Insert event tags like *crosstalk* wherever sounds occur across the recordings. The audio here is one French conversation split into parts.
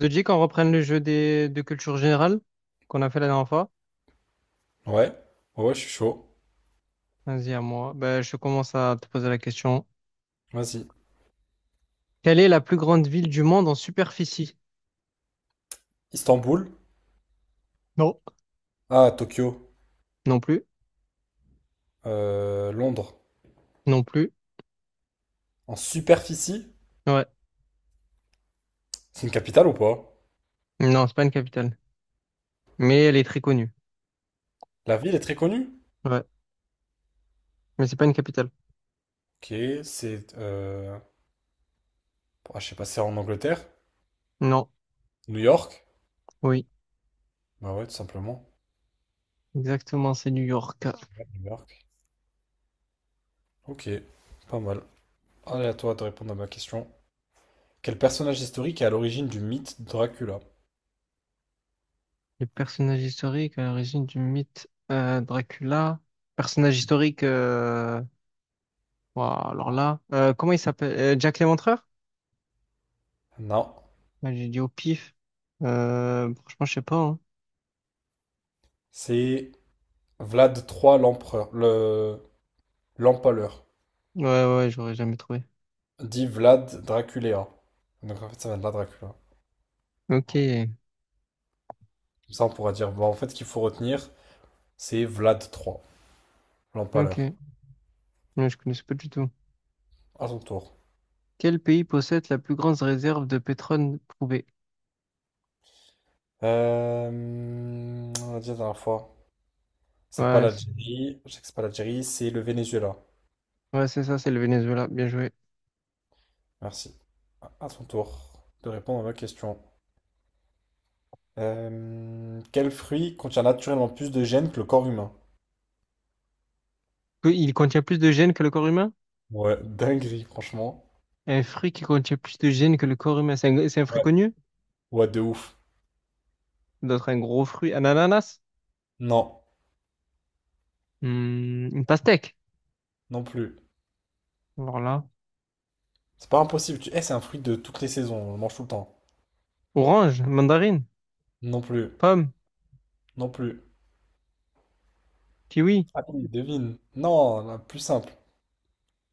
Te dis qu'on reprenne le jeu de culture générale qu'on a fait la dernière fois? Ouais, ouais, ouais, je suis chaud. Vas-y, à moi. Ben, je commence à te poser la question. Vas-y. Quelle est la plus grande ville du monde en superficie? Istanbul. Non. Ah, Tokyo. Non plus. Londres. Non plus. En superficie? Ouais. C'est une capitale ou pas? Non, c'est pas une capitale. Mais elle est très connue. La ville est très connue. Ouais. Mais c'est pas une capitale. Ok, c'est... Euh... ah, je sais pas, c'est en Angleterre? Non. New York? Oui. Bah ouais, tout simplement. Exactement, c'est New York. Ouais, New York. Ok, pas mal. Allez, à toi de répondre à ma question. Quel personnage historique est à l'origine du mythe de Dracula? Les personnages historiques à l'origine du mythe Dracula. Personnage historique. Ouah, alors là. Comment il s'appelle? Jack Léventreur? Non, Ouais, j'ai dit au pif. Franchement, je sais pas, hein. c'est Vlad III l'empereur, le l'empaleur. Ouais, ouais, ouais, j'aurais jamais trouvé. Dit Vlad Dracula. Donc en fait, ça vient de là, Dracula. Ok, Comme ça, on pourra dire, bah, en fait, ce qu'il faut retenir, c'est Vlad III. L'empaleur. ok. Ouais, je connaissais pas du tout. À ton tour. Quel pays possède la plus grande réserve de pétrole prouvée? On a dit la dernière fois. C'est pas Ouais, c'est l'Algérie. Je sais que c'est pas l'Algérie, c'est le Venezuela. ouais, c'est ça, c'est le Venezuela. Bien joué. Merci. À ton tour de répondre à ma question. Quel fruit contient naturellement plus de gènes que le corps humain? Que- Il contient plus de gènes que le corps humain? Ouais, dinguerie, franchement. Un fruit qui contient plus de gènes que le corps humain. C'est un fruit Ouais. connu? Ouais, de ouf. D'autres, un gros fruit. Un ananas? Non, Hmm, une pastèque. non plus. Alors là. C'est pas impossible. C'est un fruit de toutes les saisons. On le mange tout le temps. Orange, mandarine, Non plus. pomme, Non plus. kiwi, Allez, devine. Non, la plus simple.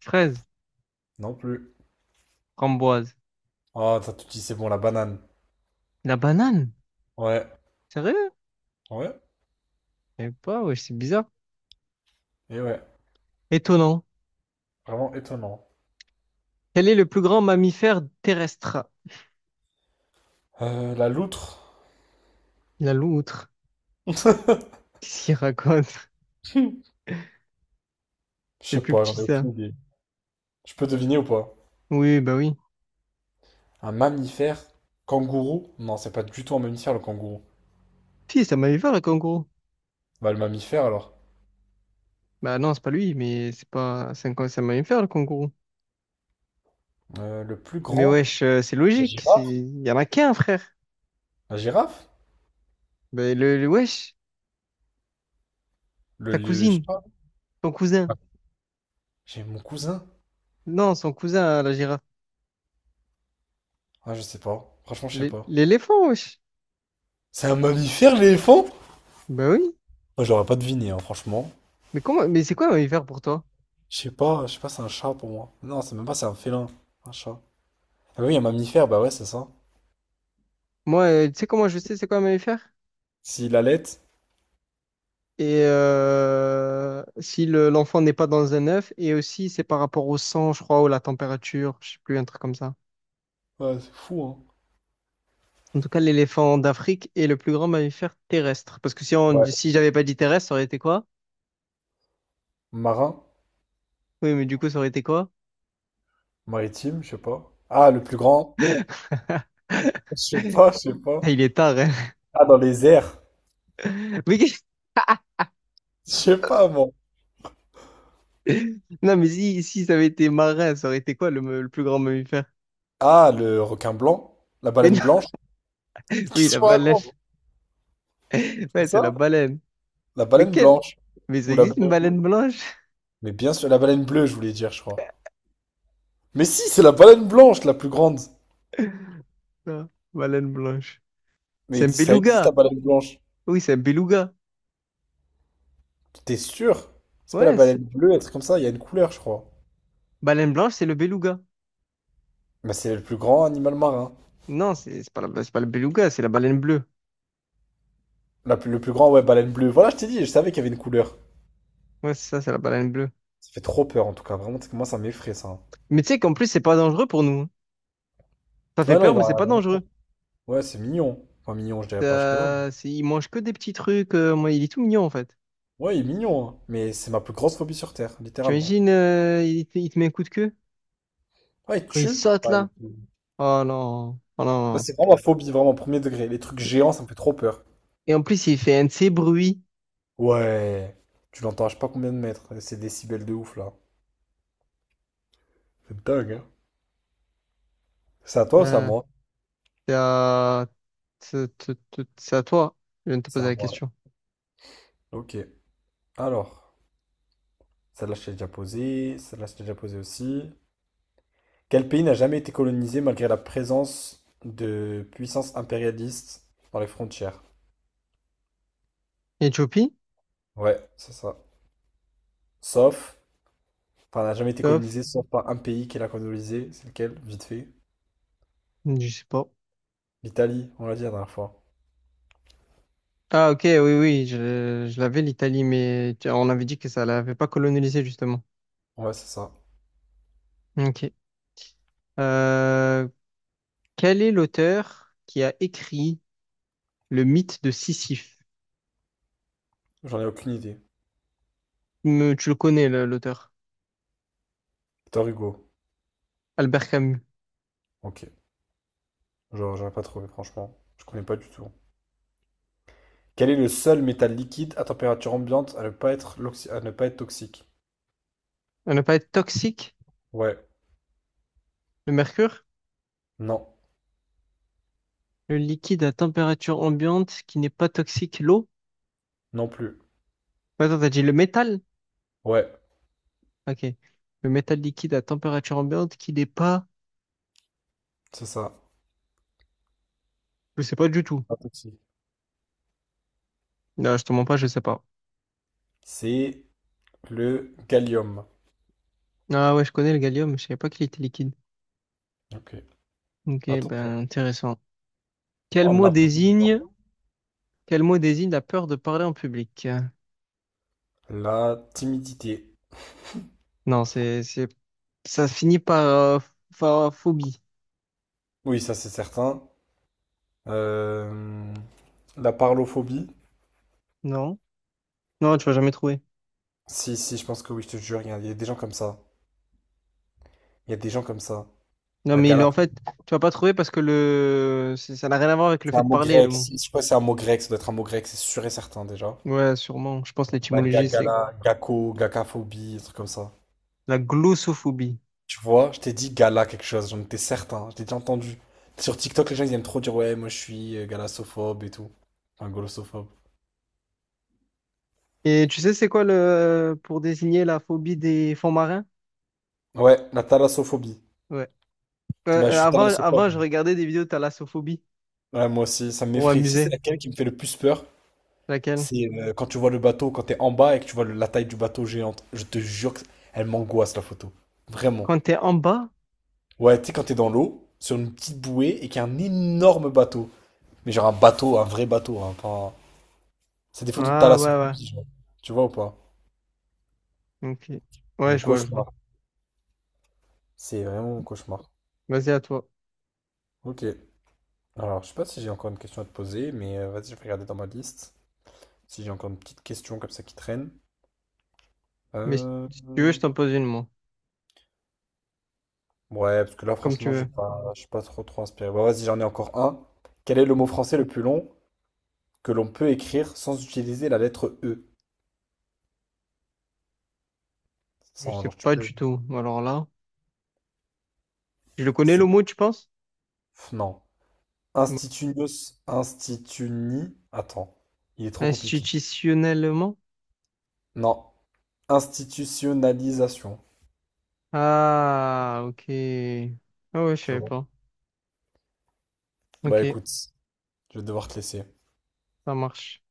fraise, Non plus. framboise. Ah, ça tu dis c'est bon, la banane. La banane? Ouais. Sérieux? Ouais. Je sais pas, ouais, c'est bizarre. Et ouais. Étonnant. Vraiment étonnant. Quel est le plus grand mammifère terrestre? La loutre? La loutre. *laughs* Qu'est-ce qu'il raconte? Je *laughs* C'est sais plus pas, j'en petit, ai ça. aucune idée. Je peux deviner ou pas? Oui, bah oui. Un mammifère? Kangourou? Non, c'est pas du tout un mammifère le kangourou. Si, c'est un mammifère, le kangourou. Bah le mammifère alors. Bah non, c'est pas lui, mais c'est pas... C'est un mammifère, le kangourou. Le plus Mais grand? wesh, c'est La logique. C'est- girafe? Il y en a qu'un, frère. La girafe? Bah, ta Je sais cousine, pas. ton cousin. J'ai mon cousin. Non, son cousin, hein, la girafe. Ah, je sais pas. Franchement, je sais L'é- pas. L'éléphant, wesh. C'est un mammifère, l'éléphant? Bah oui. Moi, j'aurais pas deviné, hein, franchement. Mais comment... Mais c'est quoi un mammifère pour toi? Je sais pas, c'est un chat pour moi. Non, c'est même pas, c'est un félin. Un chat. Ah bah oui, un mammifère, bah ouais, c'est ça. Moi, tu sais comment je sais c'est quoi un mammifère? S'il allait, Et si le- l'enfant n'est pas dans un œuf, et aussi c'est par rapport au sang, je crois, ou la température, je sais plus, un truc comme ça. ouais, c'est fou, hein. En tout cas, l'éléphant d'Afrique est le plus grand mammifère terrestre. Parce que si on, Ouais. si j'avais pas dit terrestre, ça aurait été quoi? Marin, Oui, mais du coup, ça aurait été quoi? maritime, je sais pas. Ah, le plus grand, je *laughs* sais pas, je sais pas. Il est tard, hein. Ah, dans les airs, *laughs* Mais qu'est- je sais pas, moi. Non, mais si, si ça avait été marin, ça aurait été quoi le, me- le plus grand mammifère? Ah, le requin blanc, la Mais baleine non, blanche. *laughs* oui, Qu'est-ce la qu'on baleine. raconte, *laughs* c'est Ouais, c'est la ça? baleine. La Mais baleine quelle? blanche. Mais ça Ou la existe une bleue. baleine blanche? Mais bien sûr, la baleine bleue, je voulais dire, je crois. Mais si, c'est la baleine blanche, la plus grande. Non, baleine blanche. C'est Mais un ça existe, la beluga. baleine blanche. Oui, c'est un beluga. T'es sûr? C'est pas la Ouais, c'est- baleine bleue, un truc comme ça, il y a une couleur, je crois. baleine blanche, c'est le beluga. Bah, c'est le plus grand animal marin. Non, c'est pas la- c'est pas le beluga, c'est la baleine bleue. Le plus grand, ouais, baleine bleue. Voilà, je t'ai dit, je savais qu'il y avait une couleur. Ouais, c'est ça, c'est la baleine bleue. Ça fait trop peur en tout cas. Vraiment, c'est que moi, ça m'effraie ça. Mais tu sais qu'en plus, c'est pas dangereux pour nous, hein. Ça fait Ouais, non, peur, il mais c'est pas va. dangereux. Ouais, c'est mignon. Enfin, mignon, je dirais pas jusque-là, Ça, c'est- il mange que des petits trucs. Moi, il est tout mignon, en fait. Ouais, il est mignon, hein. Mais c'est ma plus grosse phobie sur Terre, Tu littéralement. imagines, il te met un coup de queue Ouais, il quand il tue. saute Ouais. là. Oh non, oh Ça, non. c'est vraiment ma phobie, vraiment, premier degré. Les trucs géants, ça me fait trop peur. Et en plus, il fait un de ces bruits. Ouais. Tu l'entends, à je sais pas combien de mètres. C'est des décibels de ouf, là. C'est dingue, hein. C'est à toi ou c'est à Euh, moi? c'est à... c'est- c'est à toi. Je viens de te C'est poser à la moi. question. Ok. Alors, celle-là, je t'ai déjà posée. Celle-là, je t'ai déjà posée aussi. Quel pays n'a jamais été colonisé malgré la présence de puissances impérialistes dans les frontières? Éthiopie? Ouais, c'est ça. Sauf, enfin, n'a jamais été Top. colonisé sauf par un pays qui l'a colonisé. C'est lequel? Vite fait. Je sais pas. L'Italie, on l'a dit la dernière fois. Ah ok, oui, oui, je l'avais l'Italie, mais tu- on avait dit que ça l'avait pas colonisé justement. Ouais, c'est ça. Ok. Euh, Quel est l'auteur qui a écrit le mythe de Sisyphe? J'en ai aucune idée. Me- tu le connais, le- l'auteur, Victor Hugo. Albert Camus. Ok. Genre, j'aurais pas trouvé, franchement. Je connais pas du tout. Quel est le seul métal liquide à température ambiante à ne pas être, à ne pas être toxique? On n'a pas être toxique, Ouais. le mercure, Non. le liquide à température ambiante qui n'est pas toxique, l'eau. Non plus. Ouais, attends, t'as dit le métal? Ouais, Ok. Le métal liquide à température ambiante qui n'est pas... c'est ça. Je sais pas du tout. Pas toxique. Non, je te mens pas, je sais pas. C'est le gallium. Ah ouais, je connais le gallium, mais je savais pas qu'il était liquide. Ok. Ok, Attends, attends. ben intéressant. Oh, Quel on mot apprend tous les jours. désigne, quel mot désigne la peur de parler en public? La timidité. Non, c'est, ça finit par, par phobie. Oui, ça c'est certain. Euh, La parlophobie. Non? Non, tu vas jamais trouver. Si, si, je pense que oui, je te jure, il y a des gens comme ça. Il y a des gens comme ça. Non, La mais le- gala, en fait, tu vas pas trouver parce que le, c'est- ça n'a rien à voir avec le c'est fait un de mot parler, le grec. mot. Si, si, je sais pas si c'est un mot grec, ça doit être un mot grec, c'est sûr et certain déjà. Ouais, sûrement. Je pense que l'étymologie, c'est Gala, gako, gakaphobie, un truc comme ça. la glossophobie. Tu vois, je t'ai dit gala quelque chose, j'en étais certain, je t'ai déjà entendu. Sur TikTok, les gens ils aiment trop dire ouais, moi je suis galassophobe et tout. Enfin, golossophobe. Et tu sais, c'est quoi le, pour désigner la phobie des fonds marins? Ouais, la thalassophobie. Ouais. Euh, Bah, je euh, suis avant, avant, je thalassophone. regardais des vidéos de thalassophobie Ouais, moi aussi, ça pour m'effraie. Tu sais, c'est m'amuser. laquelle qui me fait le plus peur? Laquelle? C'est quand tu vois le bateau, quand t'es en bas et que tu vois la taille du bateau géante. Je te jure que elle m'angoisse la photo. Vraiment. Quand t'es en bas, Ouais, tu sais, quand t'es dans l'eau, sur une petite bouée et qu'il y a un énorme bateau. Mais genre un bateau, un vrai bateau. Hein. C'est des photos de ah ouais, thalassophobie, genre. Tu vois ou pas? ouais. Ok. Ouais, Mon je vois, je vois. cauchemar. C'est vraiment mon cauchemar. Vas-y à toi. Ok. Alors, je sais pas si j'ai encore une question à te poser, mais vas-y, je vais regarder dans ma liste. Si j'ai encore une petite question comme ça qui traîne. Mais si Euh... si tu veux, je t'en pose une, moi. Ouais, parce que là, Comme tu franchement, j'ai veux. pas, je suis pas trop trop inspiré. Bah, vas-y, j'en ai encore un. Quel est le mot français le plus long que l'on peut écrire sans utiliser la lettre E? Je Sans, sais genre, tu pas peux. du tout. Alors là, je le connais le C'est. mot, tu penses? Non. Bon. Institunios, instituni. Attends, il est trop compliqué. Institutionnellement? Non. Institutionnalisation. Ah, ok. Ah ouais, je Tu savais vois. pas. Bah Ok, écoute, je vais devoir te laisser. ça marche.